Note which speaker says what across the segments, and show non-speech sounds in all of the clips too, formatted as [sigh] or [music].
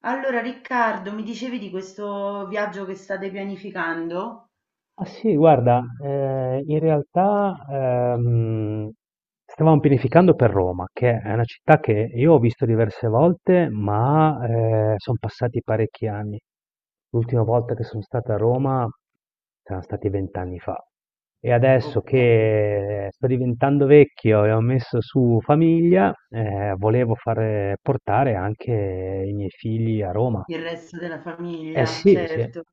Speaker 1: Allora Riccardo, mi dicevi di questo viaggio che state pianificando?
Speaker 2: Ah sì, guarda, in realtà stavamo pianificando per Roma, che è una città che io ho visto diverse volte, ma sono passati parecchi anni. L'ultima volta che sono stato a Roma saranno stati 20 anni fa. E adesso
Speaker 1: Ok,
Speaker 2: che sto diventando vecchio e ho messo su famiglia, volevo fare, portare anche i miei figli a Roma.
Speaker 1: il resto della
Speaker 2: Eh
Speaker 1: famiglia,
Speaker 2: sì, sì.
Speaker 1: certo.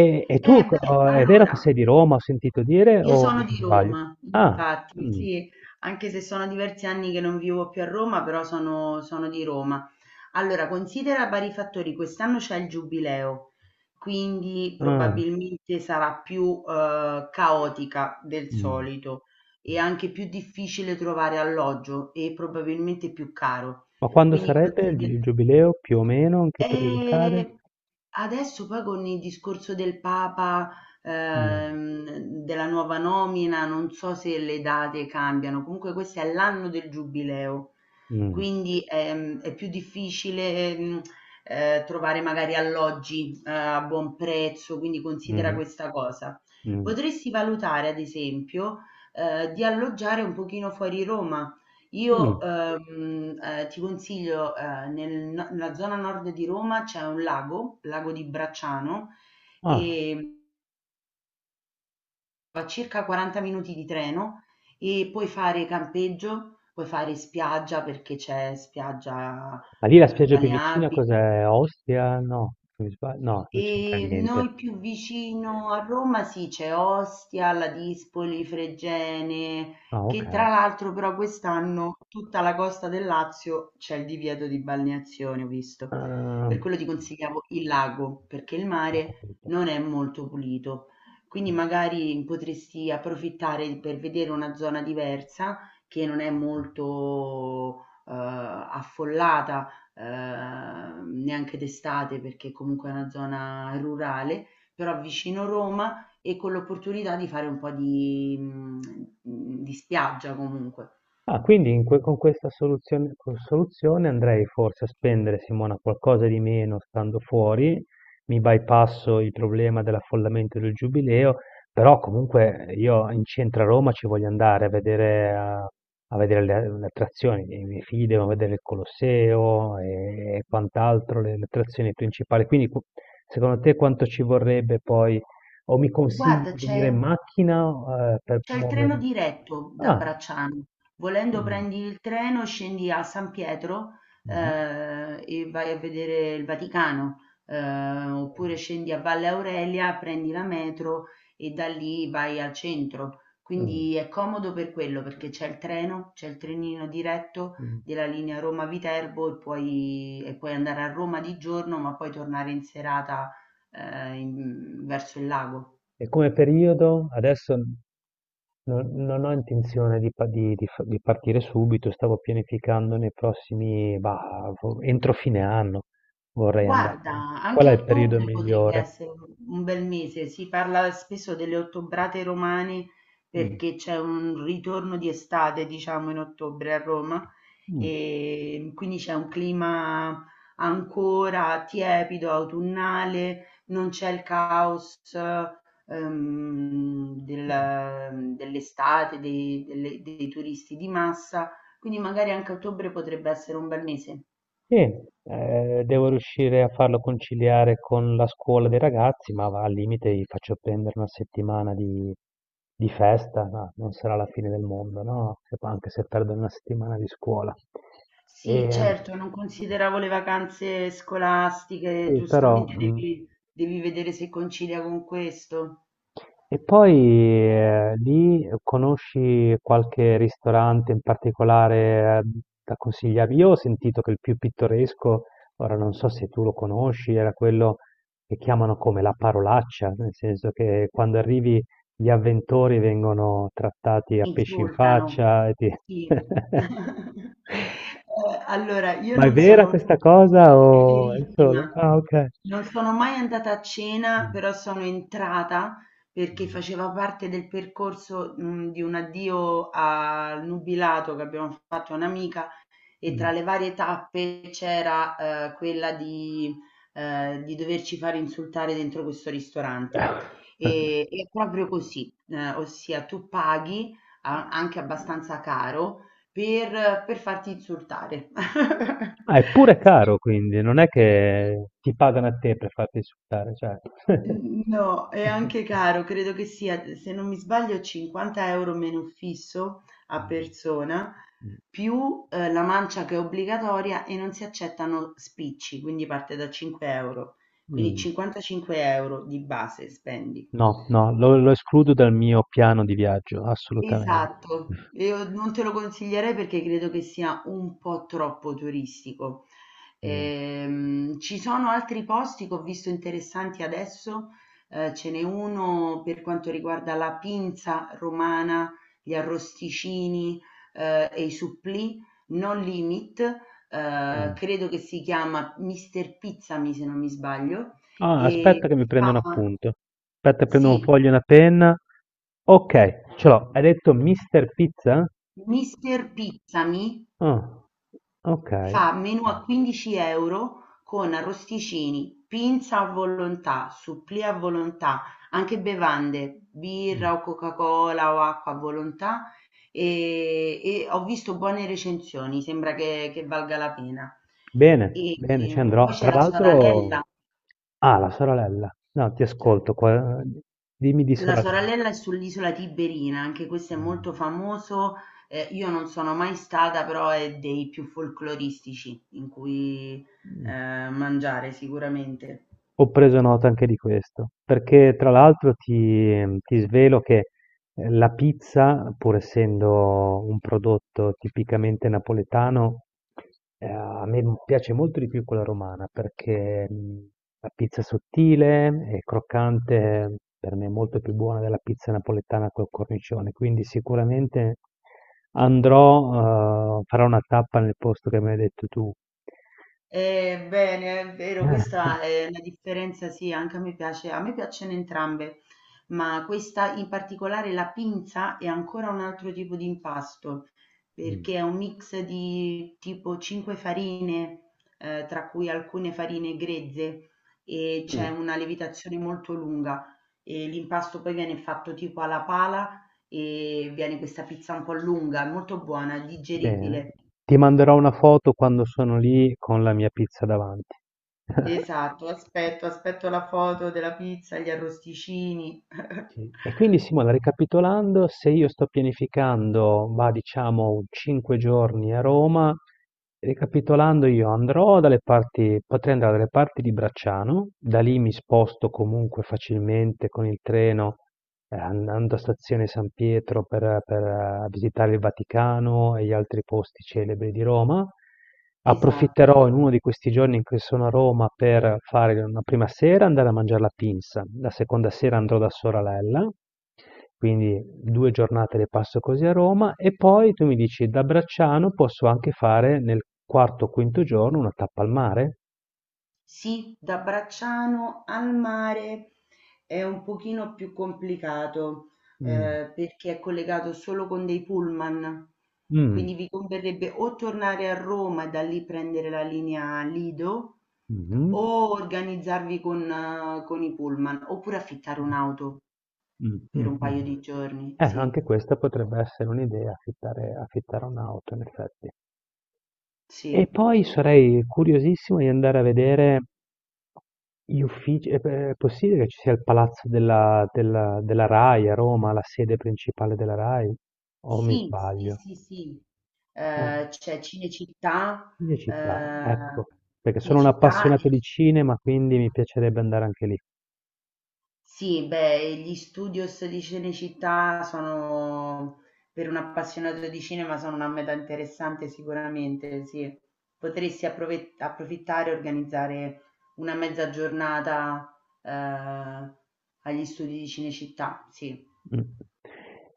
Speaker 2: E tu,
Speaker 1: Eh beh,
Speaker 2: oh, è vero che sei
Speaker 1: allora,
Speaker 2: di Roma, ho sentito dire,
Speaker 1: io
Speaker 2: o
Speaker 1: sono
Speaker 2: mi
Speaker 1: di
Speaker 2: sbaglio?
Speaker 1: Roma,
Speaker 2: Ah,
Speaker 1: infatti,
Speaker 2: mm,
Speaker 1: sì, anche se sono diversi anni che non vivo più a Roma, però sono di Roma. Allora, considera vari fattori, quest'anno c'è il giubileo, quindi
Speaker 2: ah,
Speaker 1: probabilmente sarà più caotica del
Speaker 2: mm.
Speaker 1: solito e
Speaker 2: Mm.
Speaker 1: anche più difficile trovare alloggio e probabilmente più caro.
Speaker 2: Ma quando
Speaker 1: Quindi
Speaker 2: sarebbe
Speaker 1: considera...
Speaker 2: il giubileo, più o meno, in che periodo cade?
Speaker 1: E adesso poi con il discorso del Papa,
Speaker 2: Mm,
Speaker 1: ehm, della nuova nomina, non so se le date cambiano, comunque questo è l'anno del giubileo.
Speaker 2: mm,
Speaker 1: Quindi, è più difficile, trovare magari alloggi, a buon prezzo, quindi considera
Speaker 2: mm,
Speaker 1: questa cosa.
Speaker 2: mm,
Speaker 1: Potresti valutare ad esempio, di alloggiare un pochino fuori Roma. Io,
Speaker 2: mm.
Speaker 1: ti consiglio, nel no nella zona nord di Roma c'è un lago, lago di Bracciano,
Speaker 2: Ah,
Speaker 1: ehm circa 40 minuti di treno e puoi fare campeggio, puoi fare spiaggia perché c'è spiaggia,
Speaker 2: ma lì la spiaggia più vicina
Speaker 1: balneabile
Speaker 2: cos'è? Ostia? No, mi sbaglio? No, non c'entra
Speaker 1: e
Speaker 2: niente.
Speaker 1: noi più vicino a Roma sì, c'è Ostia, la Dispoli, Fregene,
Speaker 2: Ah, ok.
Speaker 1: che tra l'altro però quest'anno tutta la costa del Lazio c'è il divieto di balneazione, ho visto.
Speaker 2: Ah,
Speaker 1: Per quello ti consigliavo il lago, perché il
Speaker 2: ho
Speaker 1: mare
Speaker 2: capito.
Speaker 1: non è molto pulito. Quindi magari potresti approfittare per vedere una zona diversa che non è molto affollata neanche d'estate perché comunque è una zona rurale, però vicino Roma e con l'opportunità di fare un po' di, di spiaggia comunque.
Speaker 2: Ah, quindi in con questa soluzione, con soluzione andrei forse a spendere, Simona, qualcosa di meno stando fuori, mi bypasso il problema dell'affollamento del Giubileo, però comunque io in centro a Roma ci voglio andare a vedere, a vedere le attrazioni, i miei figli devono vedere il Colosseo e quant'altro, le attrazioni principali. Quindi secondo te quanto ci vorrebbe poi, o mi consigli
Speaker 1: Guarda,
Speaker 2: di venire in macchina, per
Speaker 1: c'è il treno
Speaker 2: muovermi?
Speaker 1: diretto da
Speaker 2: Ah,
Speaker 1: Bracciano, volendo
Speaker 2: mm.
Speaker 1: prendi il treno, scendi a San Pietro,
Speaker 2: Mh-mh.
Speaker 1: e vai a vedere il Vaticano, oppure scendi a Valle Aurelia, prendi la metro e da lì vai al centro.
Speaker 2: Mh, mh,
Speaker 1: Quindi è comodo per quello, perché c'è il treno, c'è il trenino diretto
Speaker 2: mh.
Speaker 1: della linea Roma-Viterbo e puoi andare a Roma di giorno, ma poi tornare in serata, verso il lago.
Speaker 2: E come periodo adesso non ho intenzione di pa di f di partire subito, stavo pianificando nei prossimi, bah, fo entro fine anno vorrei andare.
Speaker 1: Guarda,
Speaker 2: Qual è
Speaker 1: anche
Speaker 2: il periodo
Speaker 1: ottobre potrebbe
Speaker 2: migliore?
Speaker 1: essere un bel mese. Si parla spesso delle ottobrate romane
Speaker 2: Mh,
Speaker 1: perché c'è un ritorno di estate, diciamo, in ottobre a Roma
Speaker 2: mh,
Speaker 1: e quindi c'è un clima ancora tiepido, autunnale, non c'è il caos
Speaker 2: mh.
Speaker 1: dell'estate, dei turisti di massa, quindi magari anche ottobre potrebbe essere un bel mese.
Speaker 2: Sì, devo riuscire a farlo conciliare con la scuola dei ragazzi, ma va, al limite gli faccio prendere una settimana di festa, no, non sarà la fine del mondo, no? Anche se perdo una settimana di scuola.
Speaker 1: Sì,
Speaker 2: E,
Speaker 1: certo, non consideravo le vacanze scolastiche,
Speaker 2: sì, però,
Speaker 1: giustamente
Speaker 2: mh.
Speaker 1: devi, devi vedere se concilia con questo.
Speaker 2: E poi lì conosci qualche ristorante in particolare da consigliarmi? Io ho sentito che il più pittoresco, ora non so se tu lo conosci, era quello che chiamano come la parolaccia, nel senso che quando arrivi gli avventori vengono trattati a
Speaker 1: Ti
Speaker 2: pesci in
Speaker 1: insultano.
Speaker 2: faccia
Speaker 1: Sì.
Speaker 2: [laughs]
Speaker 1: [laughs] Allora, io
Speaker 2: Ma è
Speaker 1: non
Speaker 2: vera
Speaker 1: sono
Speaker 2: questa cosa
Speaker 1: è
Speaker 2: o è solo?
Speaker 1: verissima.
Speaker 2: Ah, ok.
Speaker 1: Non sono mai andata a cena,
Speaker 2: Mm.
Speaker 1: però sono entrata perché faceva parte del percorso, di un addio al nubilato che abbiamo fatto a un'amica e tra
Speaker 2: Mm.
Speaker 1: le varie tappe c'era quella di doverci fare insultare dentro questo ristorante.
Speaker 2: [laughs]
Speaker 1: E, è proprio così, ossia tu paghi anche abbastanza caro per farti insultare. [laughs]
Speaker 2: Ah, è pure
Speaker 1: Sì.
Speaker 2: caro, quindi non è che ti pagano a te per farti insultare, cioè.
Speaker 1: No, è anche
Speaker 2: [laughs]
Speaker 1: caro, credo che sia, se non mi sbaglio, 50 euro meno fisso a persona, più la mancia che è obbligatoria e non si accettano spicci, quindi parte da 5 euro. Quindi
Speaker 2: Mm,
Speaker 1: 55 euro di base spendi.
Speaker 2: no, no, lo escludo dal mio piano di viaggio, assolutamente.
Speaker 1: Esatto, io non te lo consiglierei perché credo che sia un po' troppo turistico.
Speaker 2: Mm.
Speaker 1: Ci sono altri posti che ho visto interessanti adesso, ce n'è uno per quanto riguarda la pinza romana, gli arrosticini, e i supplì, non limit,
Speaker 2: Mm.
Speaker 1: credo che si chiama Mister Pizzami se non mi sbaglio,
Speaker 2: Ah,
Speaker 1: e
Speaker 2: aspetta che mi prendo
Speaker 1: fa,
Speaker 2: un appunto. Aspetta, prendo un
Speaker 1: sì,
Speaker 2: foglio e una penna. Ok, ce l'ho. Hai detto Mr. Pizza?
Speaker 1: Mister Pizzami
Speaker 2: Ah, ok.
Speaker 1: fa menù a
Speaker 2: Ok.
Speaker 1: 15 euro con arrosticini, pinza a volontà, supplì a volontà, anche bevande,
Speaker 2: Mm.
Speaker 1: birra o Coca-Cola o acqua a volontà e ho visto buone recensioni, sembra che valga la pena.
Speaker 2: Bene,
Speaker 1: E,
Speaker 2: bene, ci
Speaker 1: poi
Speaker 2: andrò.
Speaker 1: c'è
Speaker 2: Tra
Speaker 1: la
Speaker 2: l'altro,
Speaker 1: Soralella.
Speaker 2: ah, la sorella. No, ti ascolto qua. Dimmi di
Speaker 1: La
Speaker 2: sorella.
Speaker 1: Sorellella è sull'isola Tiberina, anche questo è molto famoso, io non sono mai stata, però è dei più folcloristici in cui,
Speaker 2: Mm,
Speaker 1: mangiare sicuramente.
Speaker 2: ho preso nota anche di questo, perché tra l'altro ti svelo che la pizza, pur essendo un prodotto tipicamente napoletano, a me piace molto di più quella romana, perché la pizza è sottile e croccante per me è molto più buona della pizza napoletana col cornicione, quindi sicuramente andrò, farò una tappa nel posto che mi hai detto tu.
Speaker 1: Bene, è vero,
Speaker 2: [laughs]
Speaker 1: questa è una differenza, sì, anche a me piace, a me piacciono entrambe, ma questa in particolare, la pinza, è ancora un altro tipo di impasto,
Speaker 2: Mm.
Speaker 1: perché è un mix di tipo 5 farine, tra cui alcune farine grezze, e c'è
Speaker 2: Mm.
Speaker 1: una lievitazione molto lunga, e l'impasto poi viene fatto tipo alla pala e viene questa pizza un po' lunga, molto buona,
Speaker 2: Bene,
Speaker 1: digeribile.
Speaker 2: ti manderò una foto quando sono lì con la mia pizza davanti.
Speaker 1: Esatto, aspetto la foto della pizza, gli arrosticini.
Speaker 2: Sì.
Speaker 1: [laughs]
Speaker 2: E quindi Simona, ricapitolando, se io sto pianificando, va, diciamo, 5 giorni a Roma, ricapitolando io andrò dalle parti, potrei andare dalle parti di Bracciano, da lì mi sposto comunque facilmente con il treno, andando a stazione San Pietro visitare il Vaticano e gli altri posti celebri di Roma.
Speaker 1: Esatto.
Speaker 2: Approfitterò in uno di questi giorni in cui sono a Roma per fare una prima sera andare a mangiare la pinza, la seconda sera andrò da Soralella, quindi 2 giornate le passo così a Roma e poi tu mi dici da Bracciano posso anche fare nel quarto o quinto giorno una tappa al mare?
Speaker 1: Sì, da Bracciano al mare è un pochino più complicato
Speaker 2: Mm.
Speaker 1: perché è collegato solo con dei pullman.
Speaker 2: Mm.
Speaker 1: Quindi vi converrebbe o tornare a Roma e da lì prendere la linea Lido
Speaker 2: Mhm.
Speaker 1: o organizzarvi con i pullman oppure affittare un'auto
Speaker 2: Mm,
Speaker 1: per
Speaker 2: mm,
Speaker 1: un paio
Speaker 2: mm.
Speaker 1: di giorni. Sì,
Speaker 2: Anche questa potrebbe essere un'idea, affittare un'auto in effetti. E
Speaker 1: sì.
Speaker 2: poi sarei curiosissimo di andare a vedere gli uffici, è è possibile che ci sia il palazzo della Rai a Roma, la sede principale della Rai? O mi
Speaker 1: Sì, sì,
Speaker 2: sbaglio?
Speaker 1: sì, sì.
Speaker 2: Eh,
Speaker 1: C'è Cinecittà,
Speaker 2: di città,
Speaker 1: ehm,
Speaker 2: ecco, perché sono un
Speaker 1: Cinecittà
Speaker 2: appassionato
Speaker 1: e
Speaker 2: di cinema, quindi mi piacerebbe andare anche lì.
Speaker 1: sì, beh, gli studios di Cinecittà sono, per un appassionato di cinema, sono una meta interessante sicuramente, sì. Potresti approfittare e organizzare una mezza giornata, eh, agli studi di Cinecittà, sì.
Speaker 2: Mm.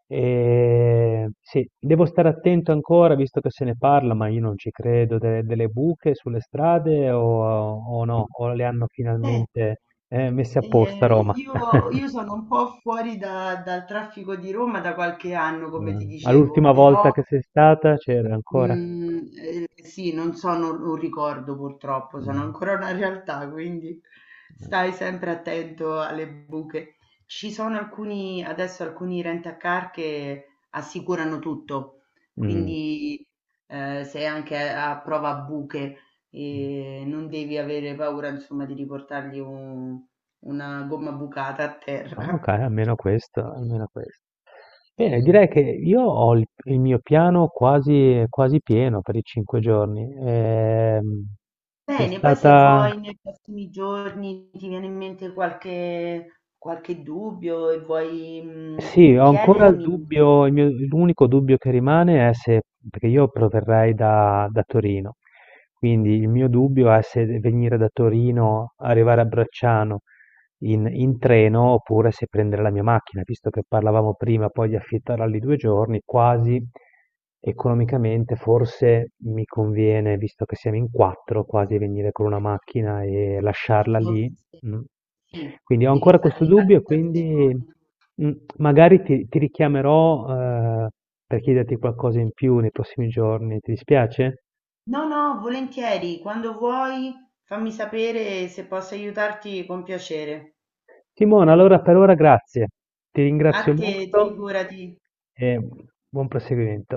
Speaker 2: E, sì, devo stare attento ancora, visto che se ne parla, ma io non ci credo, delle buche sulle strade o no, o le hanno
Speaker 1: Beh,
Speaker 2: finalmente messe apposta a
Speaker 1: eh,
Speaker 2: Roma.
Speaker 1: io
Speaker 2: [laughs]
Speaker 1: sono un po' fuori dal traffico di Roma da qualche anno, come ti
Speaker 2: Mh. Ma
Speaker 1: dicevo,
Speaker 2: l'ultima volta
Speaker 1: però,
Speaker 2: che sei stata c'era ancora?
Speaker 1: Mhmm, sì, non sono un ricordo purtroppo, sono
Speaker 2: Mh.
Speaker 1: ancora una realtà, quindi stai sempre attento alle buche. Ci sono alcuni rent a car che assicurano tutto,
Speaker 2: Mh.
Speaker 1: quindi, sei anche a prova a buche e non devi avere paura, insomma, di riportargli un una gomma bucata a
Speaker 2: Ah,
Speaker 1: terra.
Speaker 2: okay, almeno questo, almeno questo. Bene, direi che io ho il mio piano quasi quasi pieno per i 5 giorni. Sei
Speaker 1: Bene, poi se
Speaker 2: stata,
Speaker 1: vuoi nei prossimi giorni ti viene in mente qualche, qualche dubbio e vuoi
Speaker 2: sì, ho ancora il
Speaker 1: chiedermi,
Speaker 2: dubbio il mio l'unico dubbio che rimane è se, perché io proverrei da Torino, quindi il mio dubbio è se venire da Torino, arrivare a Bracciano in treno oppure se prendere la mia macchina, visto che parlavamo prima poi di affittarla lì 2 giorni, quasi economicamente forse mi conviene, visto che siamo in 4, quasi venire con una macchina e lasciarla
Speaker 1: forse
Speaker 2: lì, mh.
Speaker 1: sì,
Speaker 2: Quindi ho
Speaker 1: devi
Speaker 2: ancora
Speaker 1: fare
Speaker 2: questo
Speaker 1: le
Speaker 2: dubbio e quindi,
Speaker 1: calcolazioni.
Speaker 2: mh, magari ti richiamerò, per chiederti qualcosa in più nei prossimi giorni, ti dispiace?
Speaker 1: No, no, volentieri, quando vuoi fammi sapere se posso aiutarti con piacere.
Speaker 2: Simona, allora per ora grazie. Ti
Speaker 1: A
Speaker 2: ringrazio
Speaker 1: te,
Speaker 2: molto
Speaker 1: figurati.
Speaker 2: e buon proseguimento.